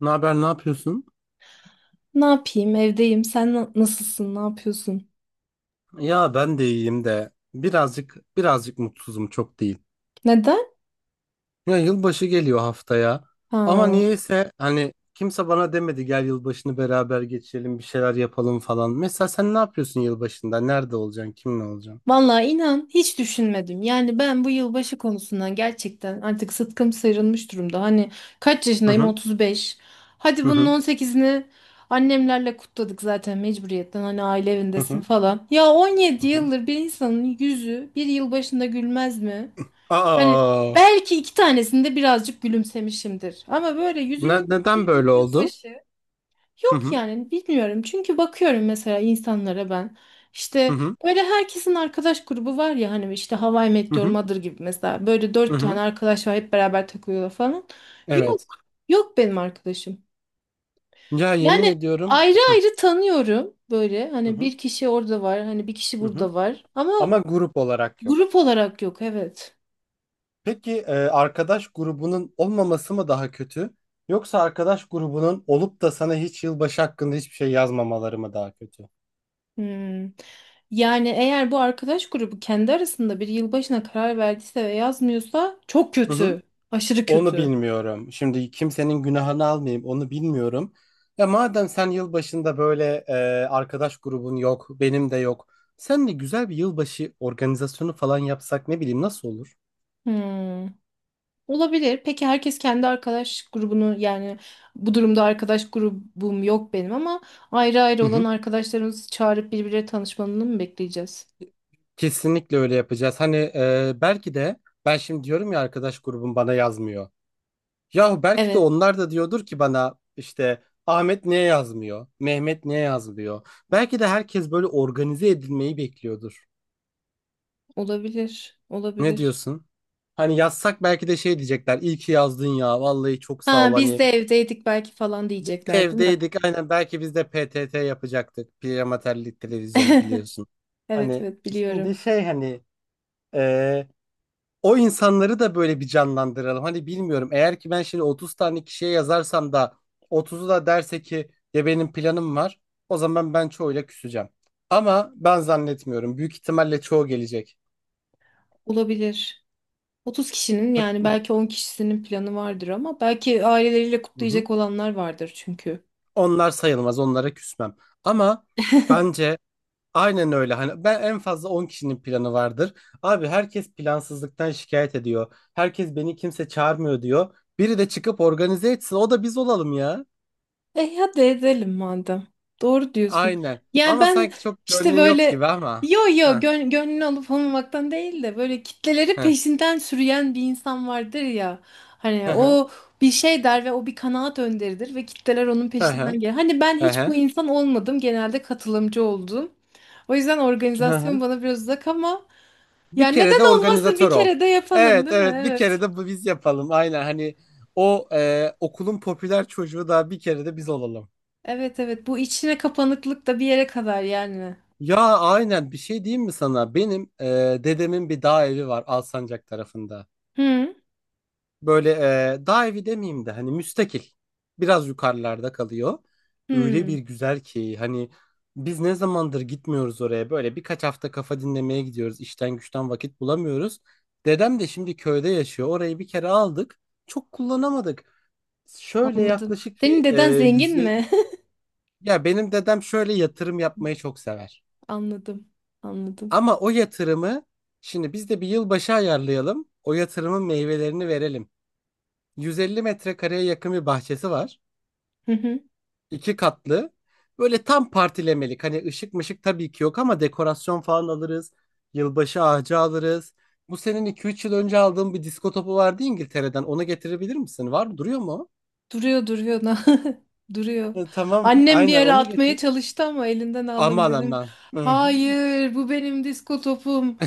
Ne haber, ne yapıyorsun? Ne yapayım? Evdeyim. Sen nasılsın? Ne yapıyorsun? Ya ben de iyiyim de birazcık birazcık mutsuzum, çok değil. Neden? Ya yılbaşı geliyor haftaya ama Ha. niyeyse hani kimse bana demedi gel yılbaşını beraber geçirelim bir şeyler yapalım falan. Mesela sen ne yapıyorsun yılbaşında? Nerede olacaksın? Kimle olacaksın? Vallahi inan hiç düşünmedim. Yani ben bu yılbaşı konusundan gerçekten artık sıtkım sıyrılmış durumda. Hani kaç Hı yaşındayım? hı. 35. Hadi Hı bunun hı. 18'ini annemlerle kutladık zaten mecburiyetten. Hani aile Hı evindesin hı. falan. Ya 17 Hı hı. yıldır bir insanın yüzü bir yılbaşında gülmez mi? Hani Aa, belki iki tanesinde birazcık gülümsemişimdir. Ama böyle yüzümün neden güldüğü böyle bir oldu? yılbaşı. Hı Yok hı. yani bilmiyorum. Çünkü bakıyorum mesela insanlara ben. Hı İşte hı. böyle herkesin arkadaş grubu var ya hani işte Hawaii Hı I hı. Mother gibi mesela. Böyle Hı dört hı. tane arkadaş var hep beraber takılıyorlar falan. Yok. Evet. Yok benim arkadaşım. Ya yemin Yani ediyorum. ayrı Hı. ayrı tanıyorum böyle. Hı Hani hı. bir kişi orada var. Hani bir kişi Hı. burada var. Ama Ama grup olarak yok. grup olarak yok evet. Peki arkadaş grubunun olmaması mı daha kötü? Yoksa arkadaş grubunun olup da sana hiç yılbaşı hakkında hiçbir şey yazmamaları mı daha kötü? Hmm. Yani eğer bu arkadaş grubu kendi arasında bir yılbaşına karar verdiyse ve yazmıyorsa çok Hı hı. kötü. Aşırı Onu kötü. bilmiyorum. Şimdi kimsenin günahını almayayım, onu bilmiyorum. Ya madem sen yılbaşında böyle arkadaş grubun yok, benim de yok. Sen de güzel bir yılbaşı organizasyonu falan yapsak ne bileyim, nasıl olur? Hmm, olabilir. Peki herkes kendi arkadaş grubunu yani bu durumda arkadaş grubum yok benim ama ayrı ayrı Hı olan hı. arkadaşlarımızı çağırıp birbirleri tanışmalarını mı bekleyeceğiz? Kesinlikle öyle yapacağız. Hani belki de ben şimdi diyorum ya arkadaş grubum bana yazmıyor. Yahu belki de Evet, onlar da diyordur ki bana, işte Ahmet niye yazmıyor? Mehmet niye yazmıyor? Belki de herkes böyle organize edilmeyi bekliyordur. olabilir. Ne Olabilir. diyorsun? Hani yazsak belki de şey diyecekler. İyi ki yazdın ya. Vallahi çok sağ ol. Ha biz Hani de evdeydik belki falan biz de diyecekler değil mi? evdeydik. Aynen, belki biz de PTT yapacaktık. Piyamaterlik televizyon biliyorsun. Evet Hani evet şimdi biliyorum. şey, hani e, o insanları da böyle bir canlandıralım. Hani bilmiyorum, eğer ki ben şimdi 30 tane kişiye yazarsam da 30'u da derse ki ya benim planım var, o zaman ben çoğuyla küseceğim. Ama ben zannetmiyorum. Büyük ihtimalle çoğu gelecek. Olabilir. 30 kişinin yani belki 10 kişisinin planı vardır ama belki aileleriyle Hı hı. kutlayacak olanlar vardır çünkü. Onlar sayılmaz, onlara küsmem. Ama bence aynen öyle. Hani ben en fazla 10 kişinin planı vardır. Abi herkes plansızlıktan şikayet ediyor. Herkes beni kimse çağırmıyor diyor. Biri de çıkıp organize etsin. O da biz olalım ya. E hadi edelim madem. Doğru diyorsun. Aynen. Yani Ama ben sanki çok işte gönlün yok böyle gibi ama. yo yo Heh. gönlünü alıp almamaktan değil de böyle kitleleri Heh. peşinden sürüyen bir insan vardır ya. Hani Heh. Heh. o bir şey der ve o bir kanaat önderidir ve kitleler onun Heh. peşinden gelir. Hani ben hiç Heh. bu insan olmadım. Genelde katılımcı oldum. O yüzden Heh. organizasyon bana biraz uzak ama ya Bir kere de neden olmasın bir organizatör ol. kere de yapalım Evet değil mi? evet, bir kere Evet. de bu biz yapalım. Aynen, hani o okulun popüler çocuğu da bir kere de biz olalım. Evet evet bu içine kapanıklık da bir yere kadar yani. Ya aynen, bir şey diyeyim mi sana? Benim dedemin bir dağ evi var Alsancak tarafında. Hı Böyle dağ evi demeyeyim de hani müstakil. Biraz yukarılarda kalıyor. Öyle hı. bir güzel ki, hani biz ne zamandır gitmiyoruz oraya. Böyle birkaç hafta kafa dinlemeye gidiyoruz. İşten güçten vakit bulamıyoruz. Dedem de şimdi köyde yaşıyor. Orayı bir kere aldık. Çok kullanamadık. Şöyle Anladım. yaklaşık Senin bir deden zengin yüze... mi? Ya benim dedem şöyle yatırım yapmayı çok sever. Anladım. Anladım. Ama o yatırımı, şimdi biz de bir yılbaşı ayarlayalım. O yatırımın meyvelerini verelim. 150 metrekareye yakın bir bahçesi var. Hı hı. İki katlı. Böyle tam partilemelik. Hani ışık mışık tabii ki yok ama dekorasyon falan alırız. Yılbaşı ağacı alırız. Bu senin 2-3 yıl önce aldığın bir disko topu vardı İngiltere'den. Onu getirebilir misin? Var mı? Duruyor mu o? Duruyor duruyor. Duruyor. Tamam. Annem bir Aynen ara onu atmaya getir. çalıştı ama elinden aldım Aman dedim. aman. Hı. Hayır, bu benim disko topum.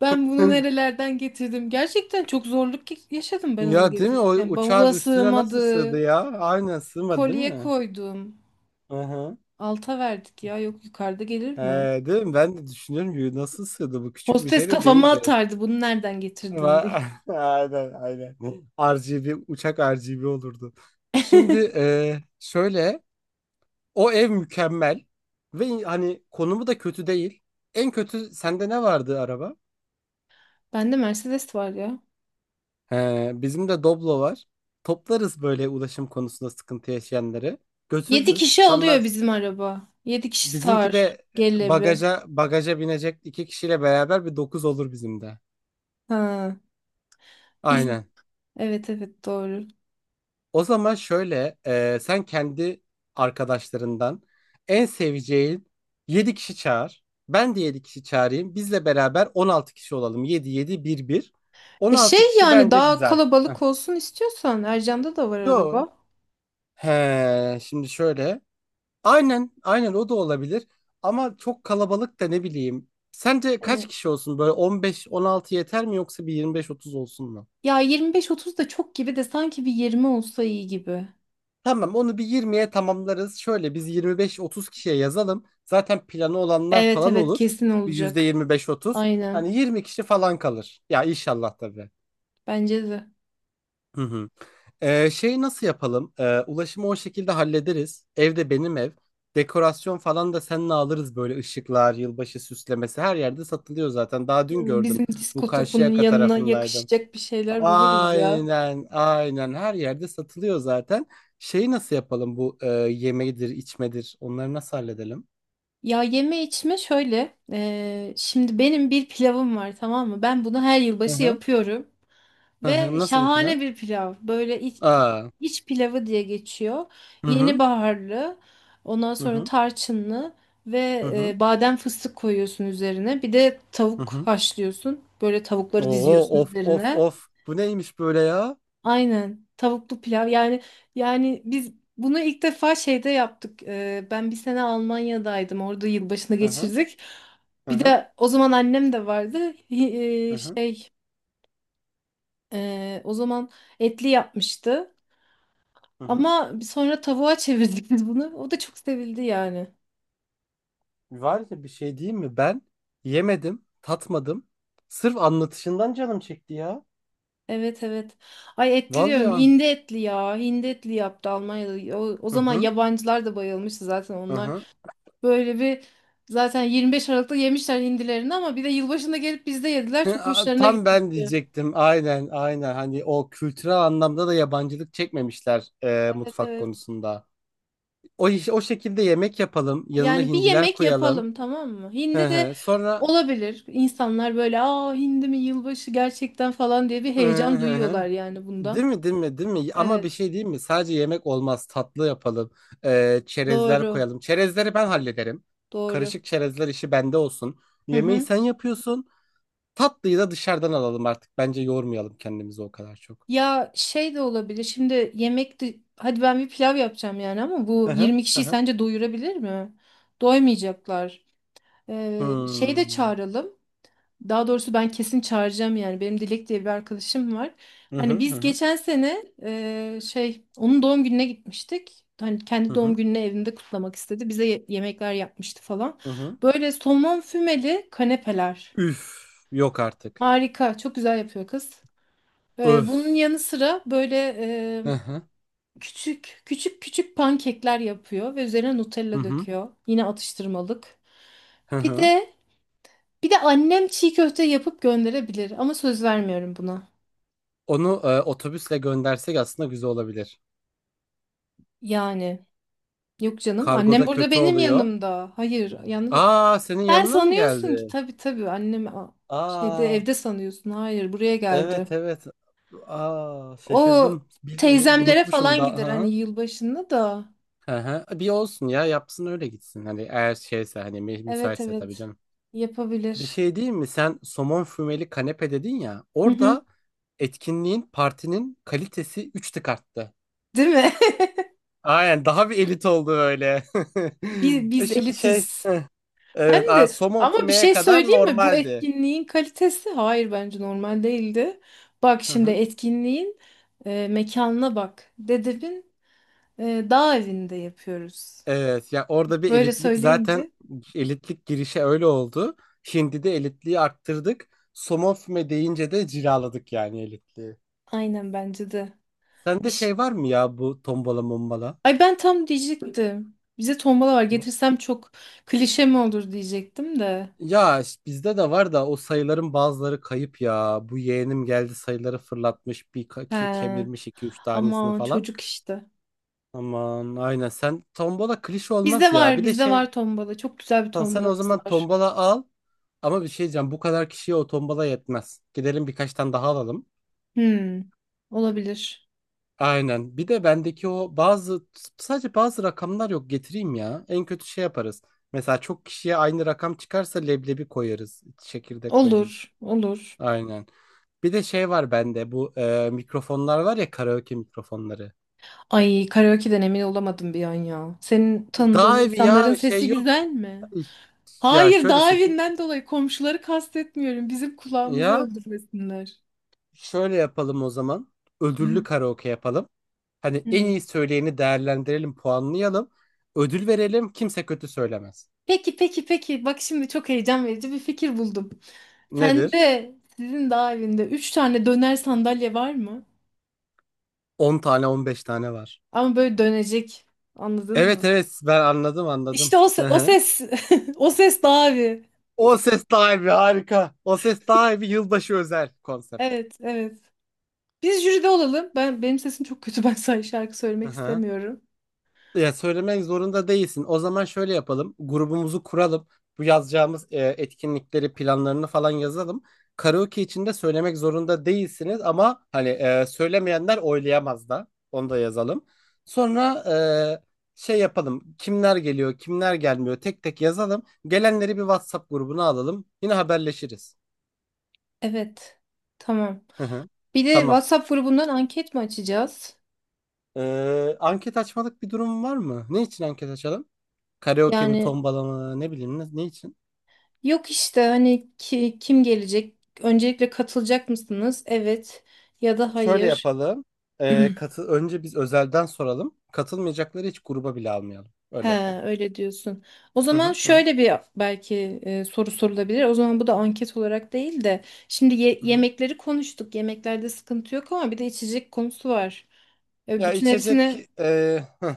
Ben bunu Hı. nerelerden getirdim? Gerçekten çok zorluk yaşadım ben onu Ya değil mi? O getirirken. uçağın Bavula üstüne nasıl sığdı sığmadı. ya? Aynen sığmadı değil Kolye mi? koydum. Hı hı. Alta verdik ya. Yok yukarıda gelir He, mi? değil mi? Ben de düşünüyorum ki nasıl sığdı, bu küçük bir Hostes şey de kafama değildi. atardı. Bunu nereden Ama- getirdin diye. Aynen aynen. RGB uçak RGB olurdu. Şimdi şöyle o ev mükemmel ve hani konumu da kötü değil. En kötü sende ne vardı, araba? Bende Mercedes var ya. He, bizim de Doblo var. Toplarız böyle ulaşım konusunda sıkıntı yaşayanları. Yedi Götürürüz. kişi Sen alıyor Mer- bizim araba. Yedi kişi bizimki sığar. de Gelebi. bagaja bagaja binecek iki kişiyle beraber bir dokuz olur bizim de. Ha. Biz Aynen. evet evet doğru. O zaman şöyle, sen kendi arkadaşlarından en seveceğin 7 kişi çağır. Ben de 7 kişi çağırayım. Bizle beraber 16 kişi olalım. Yedi yedi bir bir, on E altı şey kişi yani bence daha güzel. Heh. kalabalık olsun istiyorsan Ercan'da da var Yo. araba. He, şimdi şöyle. Aynen, aynen o da olabilir. Ama çok kalabalık da ne bileyim. Sence kaç Hani kişi olsun? Böyle 15-16 yeter mi, yoksa bir 25-30 olsun mu? ya 25-30 da çok gibi de sanki bir 20 olsa iyi gibi. Tamam, onu bir 20'ye tamamlarız. Şöyle biz 25-30 kişiye yazalım. Zaten planı olanlar Evet falan evet olur. kesin Bir yüzde olacak. %25-30. Aynen. Hani 20 kişi falan kalır. Ya inşallah tabii. Bence de. Hı hı. Şey nasıl yapalım? Ulaşımı o şekilde hallederiz. Evde, benim ev. Dekorasyon falan da seninle alırız, böyle ışıklar, yılbaşı süslemesi her yerde satılıyor zaten. Daha Hı, dün gördüm. bizim Bu disko topunun Karşıyaka yanına tarafındaydım. yakışacak bir şeyler buluruz ya. Aynen, aynen. Her yerde satılıyor zaten. Şeyi nasıl yapalım, bu yemeğidir, içmedir? Onları nasıl halledelim? Ya yeme içme şöyle. Şimdi benim bir pilavım var tamam mı? Ben bunu her Hı yılbaşı hı. yapıyorum. Hı hı. Ve Nasıl bir şahane plan? bir pilav. Böyle Aa. iç pilavı diye geçiyor. Hı Yeni hı. baharlı, ondan Hı sonra hı. tarçınlı ve Hı hı. Badem fıstık koyuyorsun üzerine. Bir de Hı tavuk hı. haşlıyorsun. Böyle tavukları Oo, diziyorsun of of üzerine. of. Bu neymiş böyle ya? Aynen. Tavuklu pilav. Yani biz bunu ilk defa şeyde yaptık. E, ben bir sene Almanya'daydım. Orada yılbaşını Hı hı. geçirdik. Hı Bir hı. de o zaman annem de vardı. Hi- Hı E, hı. şey e, o zaman etli yapmıştı. Hı hı. Ama sonra tavuğa çevirdik biz bunu. O da çok sevildi yani. Var ya, bir şey diyeyim mi? Ben yemedim, tatmadım. Sırf anlatışından canım çekti ya. Evet evet. Ay etli Vallahi diyorum. an. Hindi etli ya. Hindi etli yaptı Almanya'da. O Hı zaman hı. yabancılar da bayılmıştı zaten Hı onlar. hı. Böyle bir zaten 25 Aralık'ta yemişler hindilerini ama bir de yılbaşında gelip bizde yediler. Çok Aa, hoşlarına tam ben gitmişti. diyecektim. Aynen, aynen. Hani o kültürel anlamda da yabancılık çekmemişler Evet mutfak evet. konusunda. O şekilde yemek yapalım. Yanına Yani bir hindiler yemek koyalım. yapalım tamam mı? Hı Hindi de hı. Sonra olabilir. İnsanlar böyle aa hindi mi yılbaşı gerçekten falan diye bir hı heyecan hı hı. duyuyorlar yani Değil bundan. mi, değil mi, değil mi? Ama bir Evet. şey değil mi? Sadece yemek olmaz. Tatlı yapalım. Çerezler Doğru. koyalım. Çerezleri ben hallederim. Doğru. Karışık çerezler işi bende olsun. Hı Yemeği hı. sen yapıyorsun. Tatlıyı da dışarıdan alalım artık. Bence yormayalım kendimizi o kadar çok. Ya şey de olabilir. Şimdi yemek de hadi ben bir pilav yapacağım yani ama bu Hı hı. 20 Hı kişiyi hı. sence doyurabilir mi? Doymayacaklar. Şey de Hmm. çağıralım. Daha doğrusu ben kesin çağıracağım yani. Benim Dilek diye bir arkadaşım var. Hı hı. Hani Hı biz hı. geçen sene şey onun doğum gününe gitmiştik. Hani Hı kendi doğum hı. gününü evinde kutlamak istedi. Bize yemekler yapmıştı falan. Hı hı. Böyle somon fümeli kanepeler. Üf, yok artık. Harika. Çok güzel yapıyor kız. Bunun Öf. yanı sıra böyle Hı hı. küçük küçük küçük pankekler yapıyor ve üzerine Hı Nutella hı. döküyor. Yine atıştırmalık. Hı Bir hı. de bir de annem çiğ köfte yapıp gönderebilir ama söz vermiyorum buna. Onu otobüsle göndersek aslında güzel olabilir. Yani yok canım annem Kargoda burada kötü benim oluyor. yanımda. Hayır yani Aa, senin sen yanına mı sanıyorsun ki geldi? tabii tabii annem şeyde Aa, evde sanıyorsun. Hayır buraya geldi. evet evet. Aa, O şaşırdım. Bir de teyzemlere unutmuşum falan da. gider Hı hani hı. yılbaşında da. Hı hı. Bir olsun ya, yapsın öyle gitsin. Hani eğer şeyse, hani Evet müsaitse tabii evet canım. Bir yapabilir. şey diyeyim mi? Sen somon fümeli kanepe dedin ya. Hı hı. Orada etkinliğin, partinin kalitesi 3 tık arttı. Değil mi? Aynen, daha bir elit oldu öyle. Biz, E biz şimdi şey, elitiz. Hem evet, de somon ama bir fümeye şey kadar söyleyeyim mi? Bu normaldi. etkinliğin kalitesi hayır bence normal değildi. Bak Hı şimdi hı. etkinliğin mekanına bak. Dedebin dağ evinde yapıyoruz. Evet, ya orada bir Böyle elitlik zaten, söyleyince elitlik girişe öyle oldu. Şimdi de elitliği arttırdık. Somon füme deyince de cilaladık yani elitliği. aynen bence de. Sende Eş- şey var mı ya, bu tombala mombala? Ay ben tam diyecektim. Bize tombala var getirsem çok klişe mi olur diyecektim de. Ya işte bizde de var da o sayıların bazıları kayıp ya. Bu yeğenim geldi, sayıları fırlatmış, bir He, kemirmiş iki üç tanesini ama falan. çocuk işte. Aman aynen, sen tombola klişe Bizde olmaz ya. var Bir de bizde şey, var tombala. Çok güzel bir sen o tombalamız zaman var. tombola al ama bir şey diyeceğim, bu kadar kişiye o tombola yetmez. Gidelim birkaç tane daha alalım. Hmm, olabilir. Aynen, bir de bendeki o bazı, sadece bazı rakamlar yok, getireyim ya. En kötü şey yaparız. Mesela çok kişiye aynı rakam çıkarsa leblebi koyarız, çekirdek koyarız. Olur, olur. Aynen. Bir de şey var bende, bu mikrofonlar var ya, karaoke mikrofonları. Ay karaoke'den emin olamadım bir an ya. Senin tanıdığın Daha evi insanların ya şey sesi yok. güzel mi? Ya Hayır şöyle dağ sesi. evinden dolayı komşuları kastetmiyorum. Bizim kulağımızı Ya öldürmesinler. şöyle yapalım o zaman. Hı. Ödüllü karaoke yapalım. Hani en Hmm. iyi söyleyeni değerlendirelim, puanlayalım. Ödül verelim, kimse kötü söylemez. Peki peki peki. Bak şimdi çok heyecan verici bir fikir buldum. Nedir? Sende sizin dağ evinde üç tane döner sandalye var mı? 10-15 tane var. Ama böyle dönecek. Anladın Evet mı? evet, ben anladım İşte anladım. o, Hı o hı. ses. O ses dağ evi. O ses daha iyi, harika. O ses daha iyi yılbaşı özel konsept. Evet evet. Biz jüride olalım. Benim sesim çok kötü. Ben sadece şarkı Hı söylemek hı. istemiyorum. Ya söylemek zorunda değilsin. O zaman şöyle yapalım. Grubumuzu kuralım. Bu yazacağımız etkinlikleri, planlarını falan yazalım. Karaoke için de söylemek zorunda değilsiniz ama hani söylemeyenler oylayamaz da. Onu da yazalım. Sonra şey yapalım. Kimler geliyor, kimler gelmiyor tek tek yazalım. Gelenleri bir WhatsApp grubuna alalım. Yine haberleşiriz. Evet. Tamam. Hı hı. Bir de Tamam. WhatsApp grubundan anket mi açacağız? Anket açmalık bir durum var mı? Ne için anket açalım? Karaoke mi, Yani tombala mı, ne bileyim, ne, ne için? yok işte hani kim gelecek? Öncelikle katılacak mısınız? Evet ya da Şöyle hayır. yapalım. Katı önce biz özelden soralım. Katılmayacakları hiç gruba bile almayalım. He, Öyle yapalım. öyle diyorsun. O Hı zaman hı. Hı hı. şöyle bir belki soru sorulabilir. O zaman bu da anket olarak değil de şimdi Hı hı. yemekleri konuştuk. Yemeklerde sıkıntı yok ama bir de içecek konusu var. E, Ya bütün hepsini içecek hı.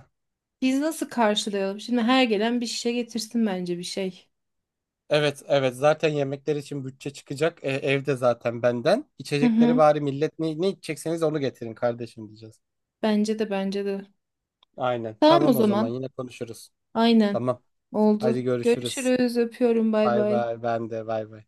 biz nasıl karşılayalım? Şimdi her gelen bir şişe getirsin bence bir şey. Evet evet, zaten yemekler için bütçe çıkacak. Evde zaten benden. Hı İçecekleri hı. bari millet, ne, ne içecekseniz onu getirin kardeşim diyeceğiz. Bence de bence de. Aynen. Tamam o Tamam o zaman, zaman. yine konuşuruz. Aynen. Tamam. Hadi Oldu. görüşürüz. Görüşürüz. Öpüyorum. Bay Bay bay. bay, ben de bay bay.